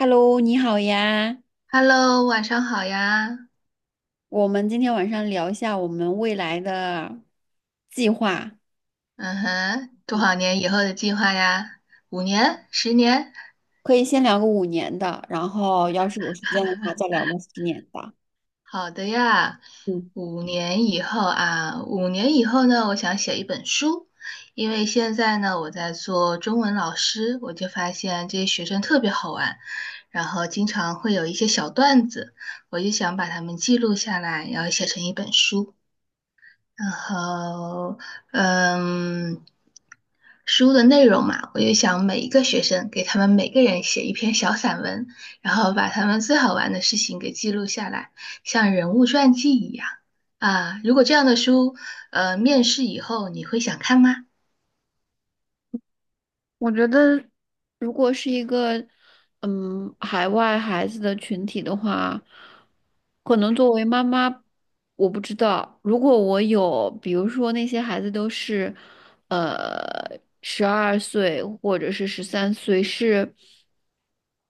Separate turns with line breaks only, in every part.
Hello，你好呀。
Hello,晚上好呀。
我们今天晚上聊一下我们未来的计划，
嗯哼，多少年以后的计划呀？五年、十年？
可以先聊个五年的，然后要是有时间的话，再聊个十年的。
好的呀，
嗯。
五年以后啊，五年以后呢，我想写一本书，因为现在呢，我在做中文老师，我就发现这些学生特别好玩，然后经常会有一些小段子，我就想把它们记录下来，然后写成一本书。然后，嗯，书的内容嘛，我就想每一个学生给他们每个人写一篇小散文，然后把他们最好玩的事情给记录下来，像人物传记一样啊。如果这样的书，面试以后你会想看吗？
我觉得，如果是一个海外孩子的群体的话，可能作为妈妈，我不知道。如果我有，比如说那些孩子都是，12岁或者是13岁，是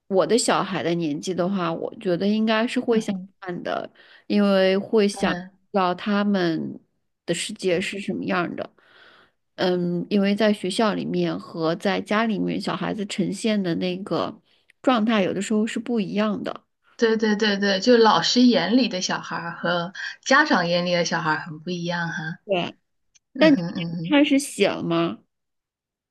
我的小孩的年纪的话，我觉得应该是会想看的，因为会想知
嗯，
道他们的世界是什么样的。因为在学校里面和在家里面，小孩子呈现的那个状态有的时候是不一样的。
对对对对，就老师眼里的小孩儿和家长眼里的小孩儿很不一样哈。
对，
嗯
但你
哼嗯哼。
开始写了吗？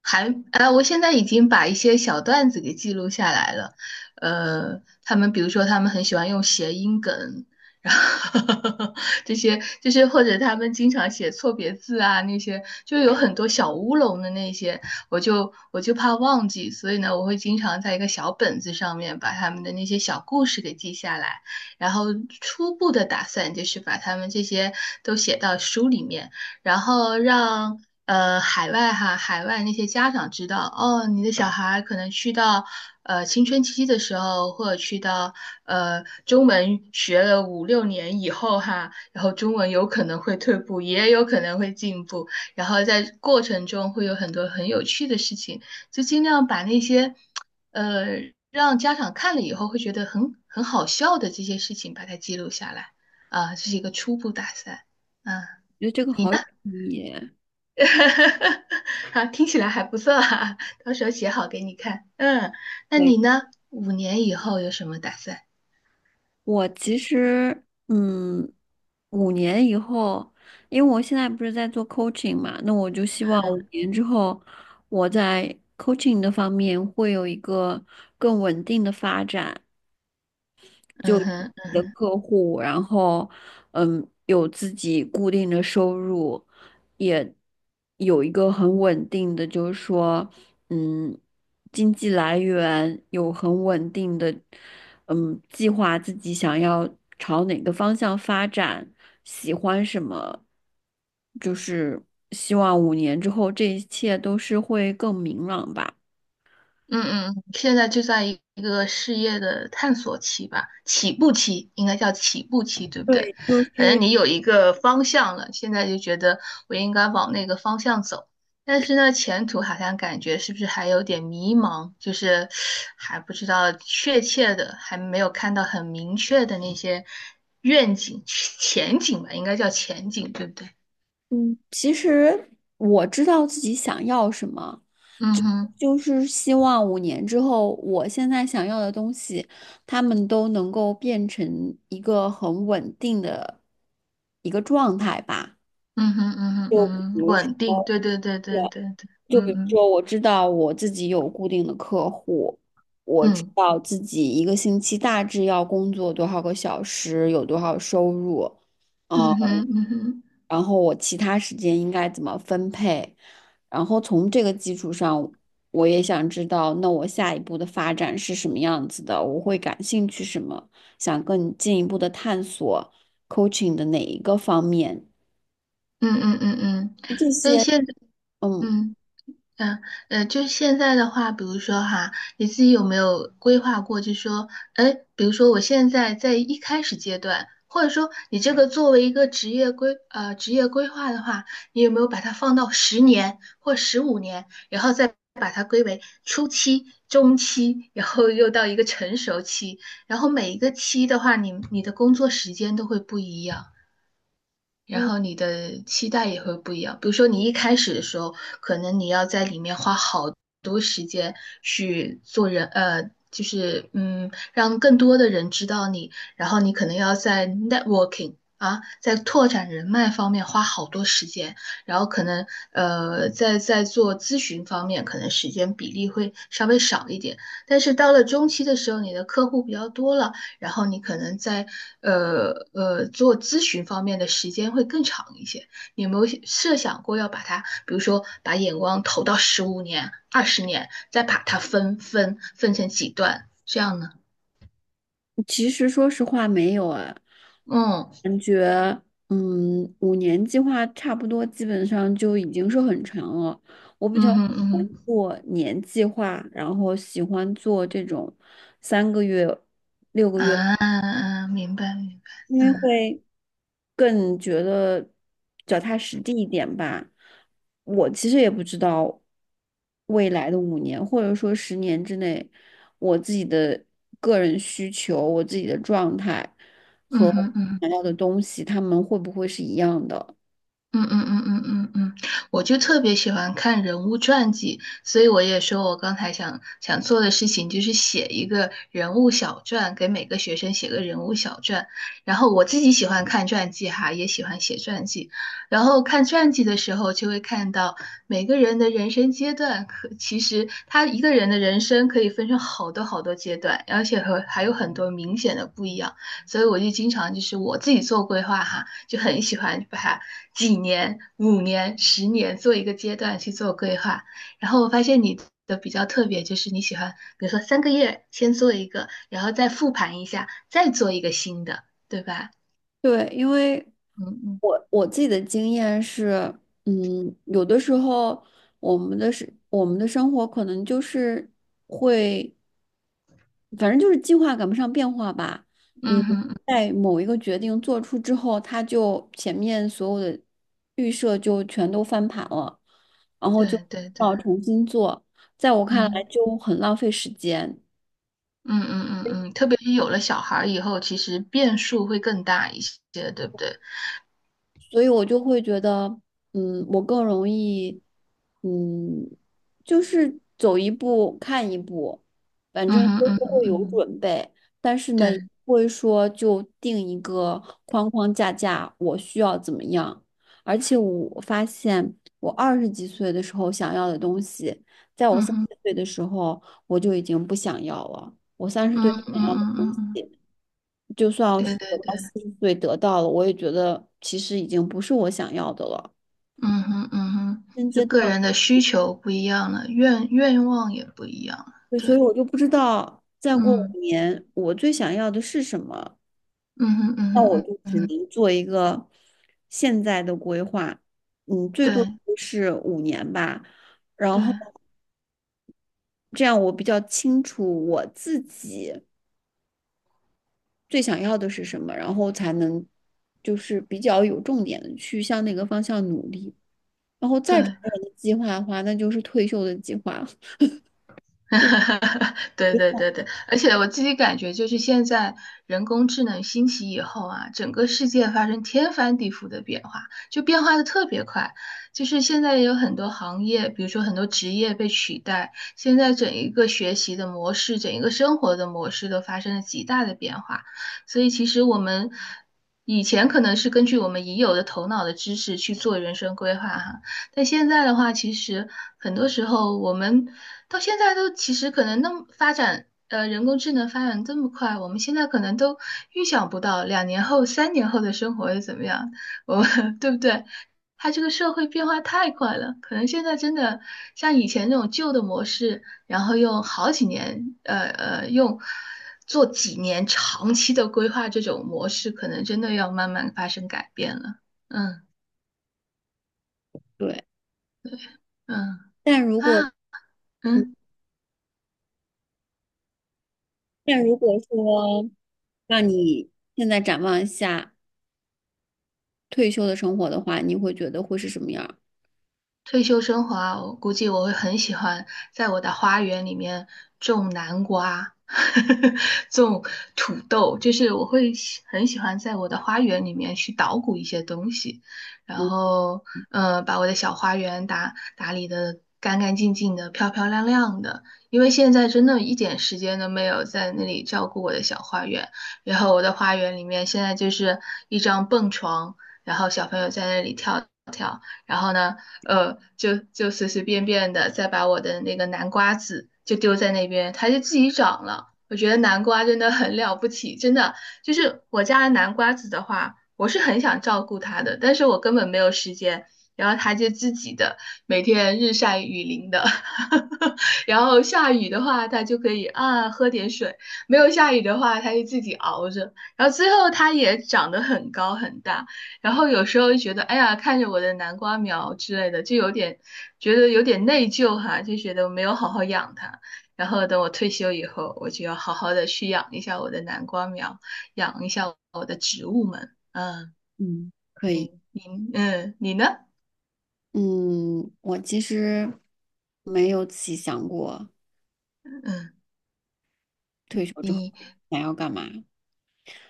我现在已经把一些小段子给记录下来了。他们比如说，他们很喜欢用谐音梗，然后 这些就是或者他们经常写错别字啊，那些就有很多小乌龙的那些，我就怕忘记，所以呢，我会经常在一个小本子上面把他们的那些小故事给记下来，然后初步的打算就是把他们这些都写到书里面。然后让海外那些家长知道，哦，你的小孩可能去到青春期的时候，或者去到中文学了五六年以后哈，然后中文有可能会退步，也有可能会进步，然后在过程中会有很多很有趣的事情，就尽量把那些呃让家长看了以后会觉得很好笑的这些事情把它记录下来啊，这是一个初步打算嗯，
我觉得这个
你呢？
好有意义。
好，听起来还不错啊，到时候写好给你看。嗯，那
对，
你呢？五年以后有什么打算？
我其实，5年以后，因为我现在不是在做 coaching 嘛，那我就希望五年之后，我在 coaching 的方面会有一个更稳定的发展。就
嗯哼。
的客户，然后有自己固定的收入，也有一个很稳定的，就是说嗯，经济来源有很稳定的，计划自己想要朝哪个方向发展，喜欢什么，就是希望五年之后这一切都是会更明朗吧。
嗯嗯，现在就在一个事业的探索期吧，起步期应该叫起步期，对不对？
对，就
反正
是，
你有一个方向了，现在就觉得我应该往那个方向走，但是呢，前途好像感觉是不是还有点迷茫，就是还不知道确切的，还没有看到很明确的那些愿景、前景吧，应该叫前景，对不对？
嗯，其实我知道自己想要什么，
嗯哼，
就是希望五年之后，我现在想要的东西，他们都能够变成一个很稳定的一个状态吧。
嗯哼，嗯哼，
就
嗯
比
哼，
如
稳
说
定，对对对对对对，
就
嗯
比如
嗯
说，我知道我自己有固定的客户，我知
嗯。
道自己一个星期大致要工作多少个小时，有多少收入，呃
嗯哼，嗯哼，
然后我其他时间应该怎么分配，然后从这个基础上，我也想知道，那我下一步的发展是什么样子的，我会感兴趣什么，想更进一步的探索 coaching 的哪一个方面，
嗯嗯嗯嗯，
就这
但
些。
现在，
嗯。
嗯嗯就是现在的话，比如说哈，你自己有没有规划过，就说，哎，比如说我现在在一开始阶段，或者说你这个作为一个职业规划的话，你有没有把它放到十年或十五年，然后再把它归为初期、中期，然后又到一个成熟期，然后每一个期的话，你的工作时间都会不一样。然后你的期待也会不一样。比如说，你一开始的时候，可能你要在里面花好多时间去做人，就是让更多的人知道你，然后你可能要在 networking 啊，在拓展人脉方面花好多时间，然后可能在做咨询方面，可能时间比例会稍微少一点。但是到了中期的时候，你的客户比较多了。然后你可能在做咨询方面的时间会更长一些。你有没有设想过要把它，比如说把眼光投到十五年、二十年，再把它分成几段这样呢？
其实说实话没有哎，
嗯
感觉5年计划差不多基本上就已经是很长了。我比
嗯
较喜
哼嗯
欢
哼
做年计划，然后喜欢做这种3个月、6个月，
啊，明白明白，
因为
嗯
会。更觉得脚踏实地一点吧。我其实也不知道未来的五年或者说10年之内，我自己的个人需求、我自己的状态
嗯
和我
哼嗯哼
想要的东西，他们会不会是一样的？
嗯嗯嗯嗯嗯嗯，我就特别喜欢看人物传记，所以我也说我刚才想做的事情就是写一个人物小传，给每个学生写个人物小传。然后我自己喜欢看传记哈，也喜欢写传记。然后看传记的时候，就会看到每个人的人生阶段，可其实他一个人的人生可以分成好多好多阶段，而且和还有很多明显的不一样。所以我就经常就是我自己做规划哈，就很喜欢把。几年、五年、十年做一个阶段去做规划。然后我发现你的比较特别，就是你喜欢，比如说三个月先做一个，然后再复盘一下，再做一个新的，对吧？
对，因为
嗯嗯
我自己的经验是，有的时候我们的是我们的生活可能就是。会。反正就是计划赶不上变化吧。
嗯
嗯，
嗯嗯，
在某一个决定做出之后，他就前面所有的预设就全都翻盘了，然后就
对对对，
要重新做。在我看来，
嗯
就很浪费时间。
嗯嗯嗯嗯，特别是有了小孩儿以后，其实变数会更大一些，对不对？
所以我就会觉得，我更容易，嗯，就是走一步看一步，反
嗯
正
哼
都是
嗯嗯
会有
嗯哼，
准备，但是呢，也
对，
不会说就定一个框框架架，我需要怎么样。而且我发现，我20几岁的时候想要的东西，在我
嗯
三
哼
十岁的时候我就已经不想要了。我三十岁
嗯嗯
想要
嗯
的东
嗯嗯，
西。就算
对
是
对
我到
对。
40岁得到了，我也觉得其实已经不是我想要的了。
嗯哼，嗯哼，
现
就
阶段，
个人的需求不一样了，愿望也不一样了。
对，所
对，
以我就不知道再过五
嗯，
年我最想要的是什么。
嗯哼，
那
嗯
我
哼，
就
嗯
只
哼，
能做一个现在的规划，最
对，
多就是五年吧。然
对，
后这样我比较清楚我自己最想要的是什么，然后才能就是比较有重点的去向那个方向努力。然后再找
对。
人的计划的话，那就是退休的计划。对，
对对对对，而且我自己感觉，就是现在人工智能兴起以后啊，整个世界发生天翻地覆的变化，就变化的特别快。就是现在也有很多行业，比如说很多职业被取代，现在整一个学习的模式，整一个生活的模式都发生了极大的变化。所以其实我们以前可能是根据我们已有的头脑的知识去做人生规划哈，但现在的话，其实很多时候我们到现在都其实可能那么发展，人工智能发展这么快，我们现在可能都预想不到两年后、三年后的生活会怎么样，我 对不对？它这个社会变化太快了，可能现在真的像以前那种旧的模式，然后用好几年，用做几年长期的规划这种模式，可能真的要慢慢发生改变了。嗯
对。
嗯
但如果
啊嗯。
但如果说让你现在展望一下退休的生活的话，你会觉得会是什么样儿？
退休生活啊，我估计我会很喜欢在我的花园里面种南瓜，种土豆，就是我会很喜欢在我的花园里面去捣鼓一些东西，然
嗯
后把我的小花园打打理的干干净净的、漂漂亮亮的。因为现在真的一点时间都没有在那里照顾我的小花园，然后我的花园里面现在就是一张蹦床，然后小朋友在那里跳。然后呢，就随随便便的再把我的那个南瓜籽就丢在那边，它就自己长了。我觉得南瓜真的很了不起，真的就是我家的南瓜籽的话，我是很想照顾它的，但是我根本没有时间。然后它就自己的每天日晒雨淋的，然后下雨的话，它就可以啊喝点水；没有下雨的话，它就自己熬着。然后最后它也长得很高很大，然后有时候就觉得，哎呀，看着我的南瓜苗之类的，就有点觉得有点内疚哈，就觉得我没有好好养它。然后等我退休以后，我就要好好的去养一下我的南瓜苗，养一下我的植物们。嗯，
嗯，可以。
你嗯，你呢？
嗯，我其实没有仔细想过
嗯。
退休之后想要干嘛。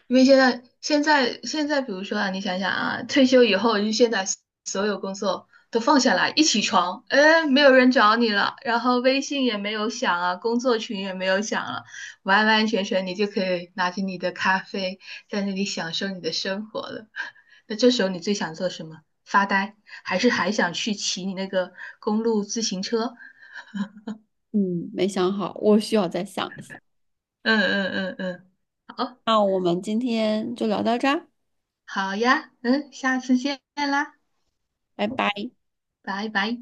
因为现在,比如说啊，你想想啊，退休以后，就现在所有工作都放下来，一起床，哎，没有人找你了，然后微信也没有响啊，工作群也没有响了，完完全全你就可以拿着你的咖啡，在那里享受你的生活了。那这时候你最想做什么？发呆，还是还想去骑你那个公路自行车？
嗯，没想好，我需要再想一想。
嗯嗯嗯嗯，好，
那我们今天就聊到这儿，
好呀，嗯，下次见啦，
拜拜。
拜拜。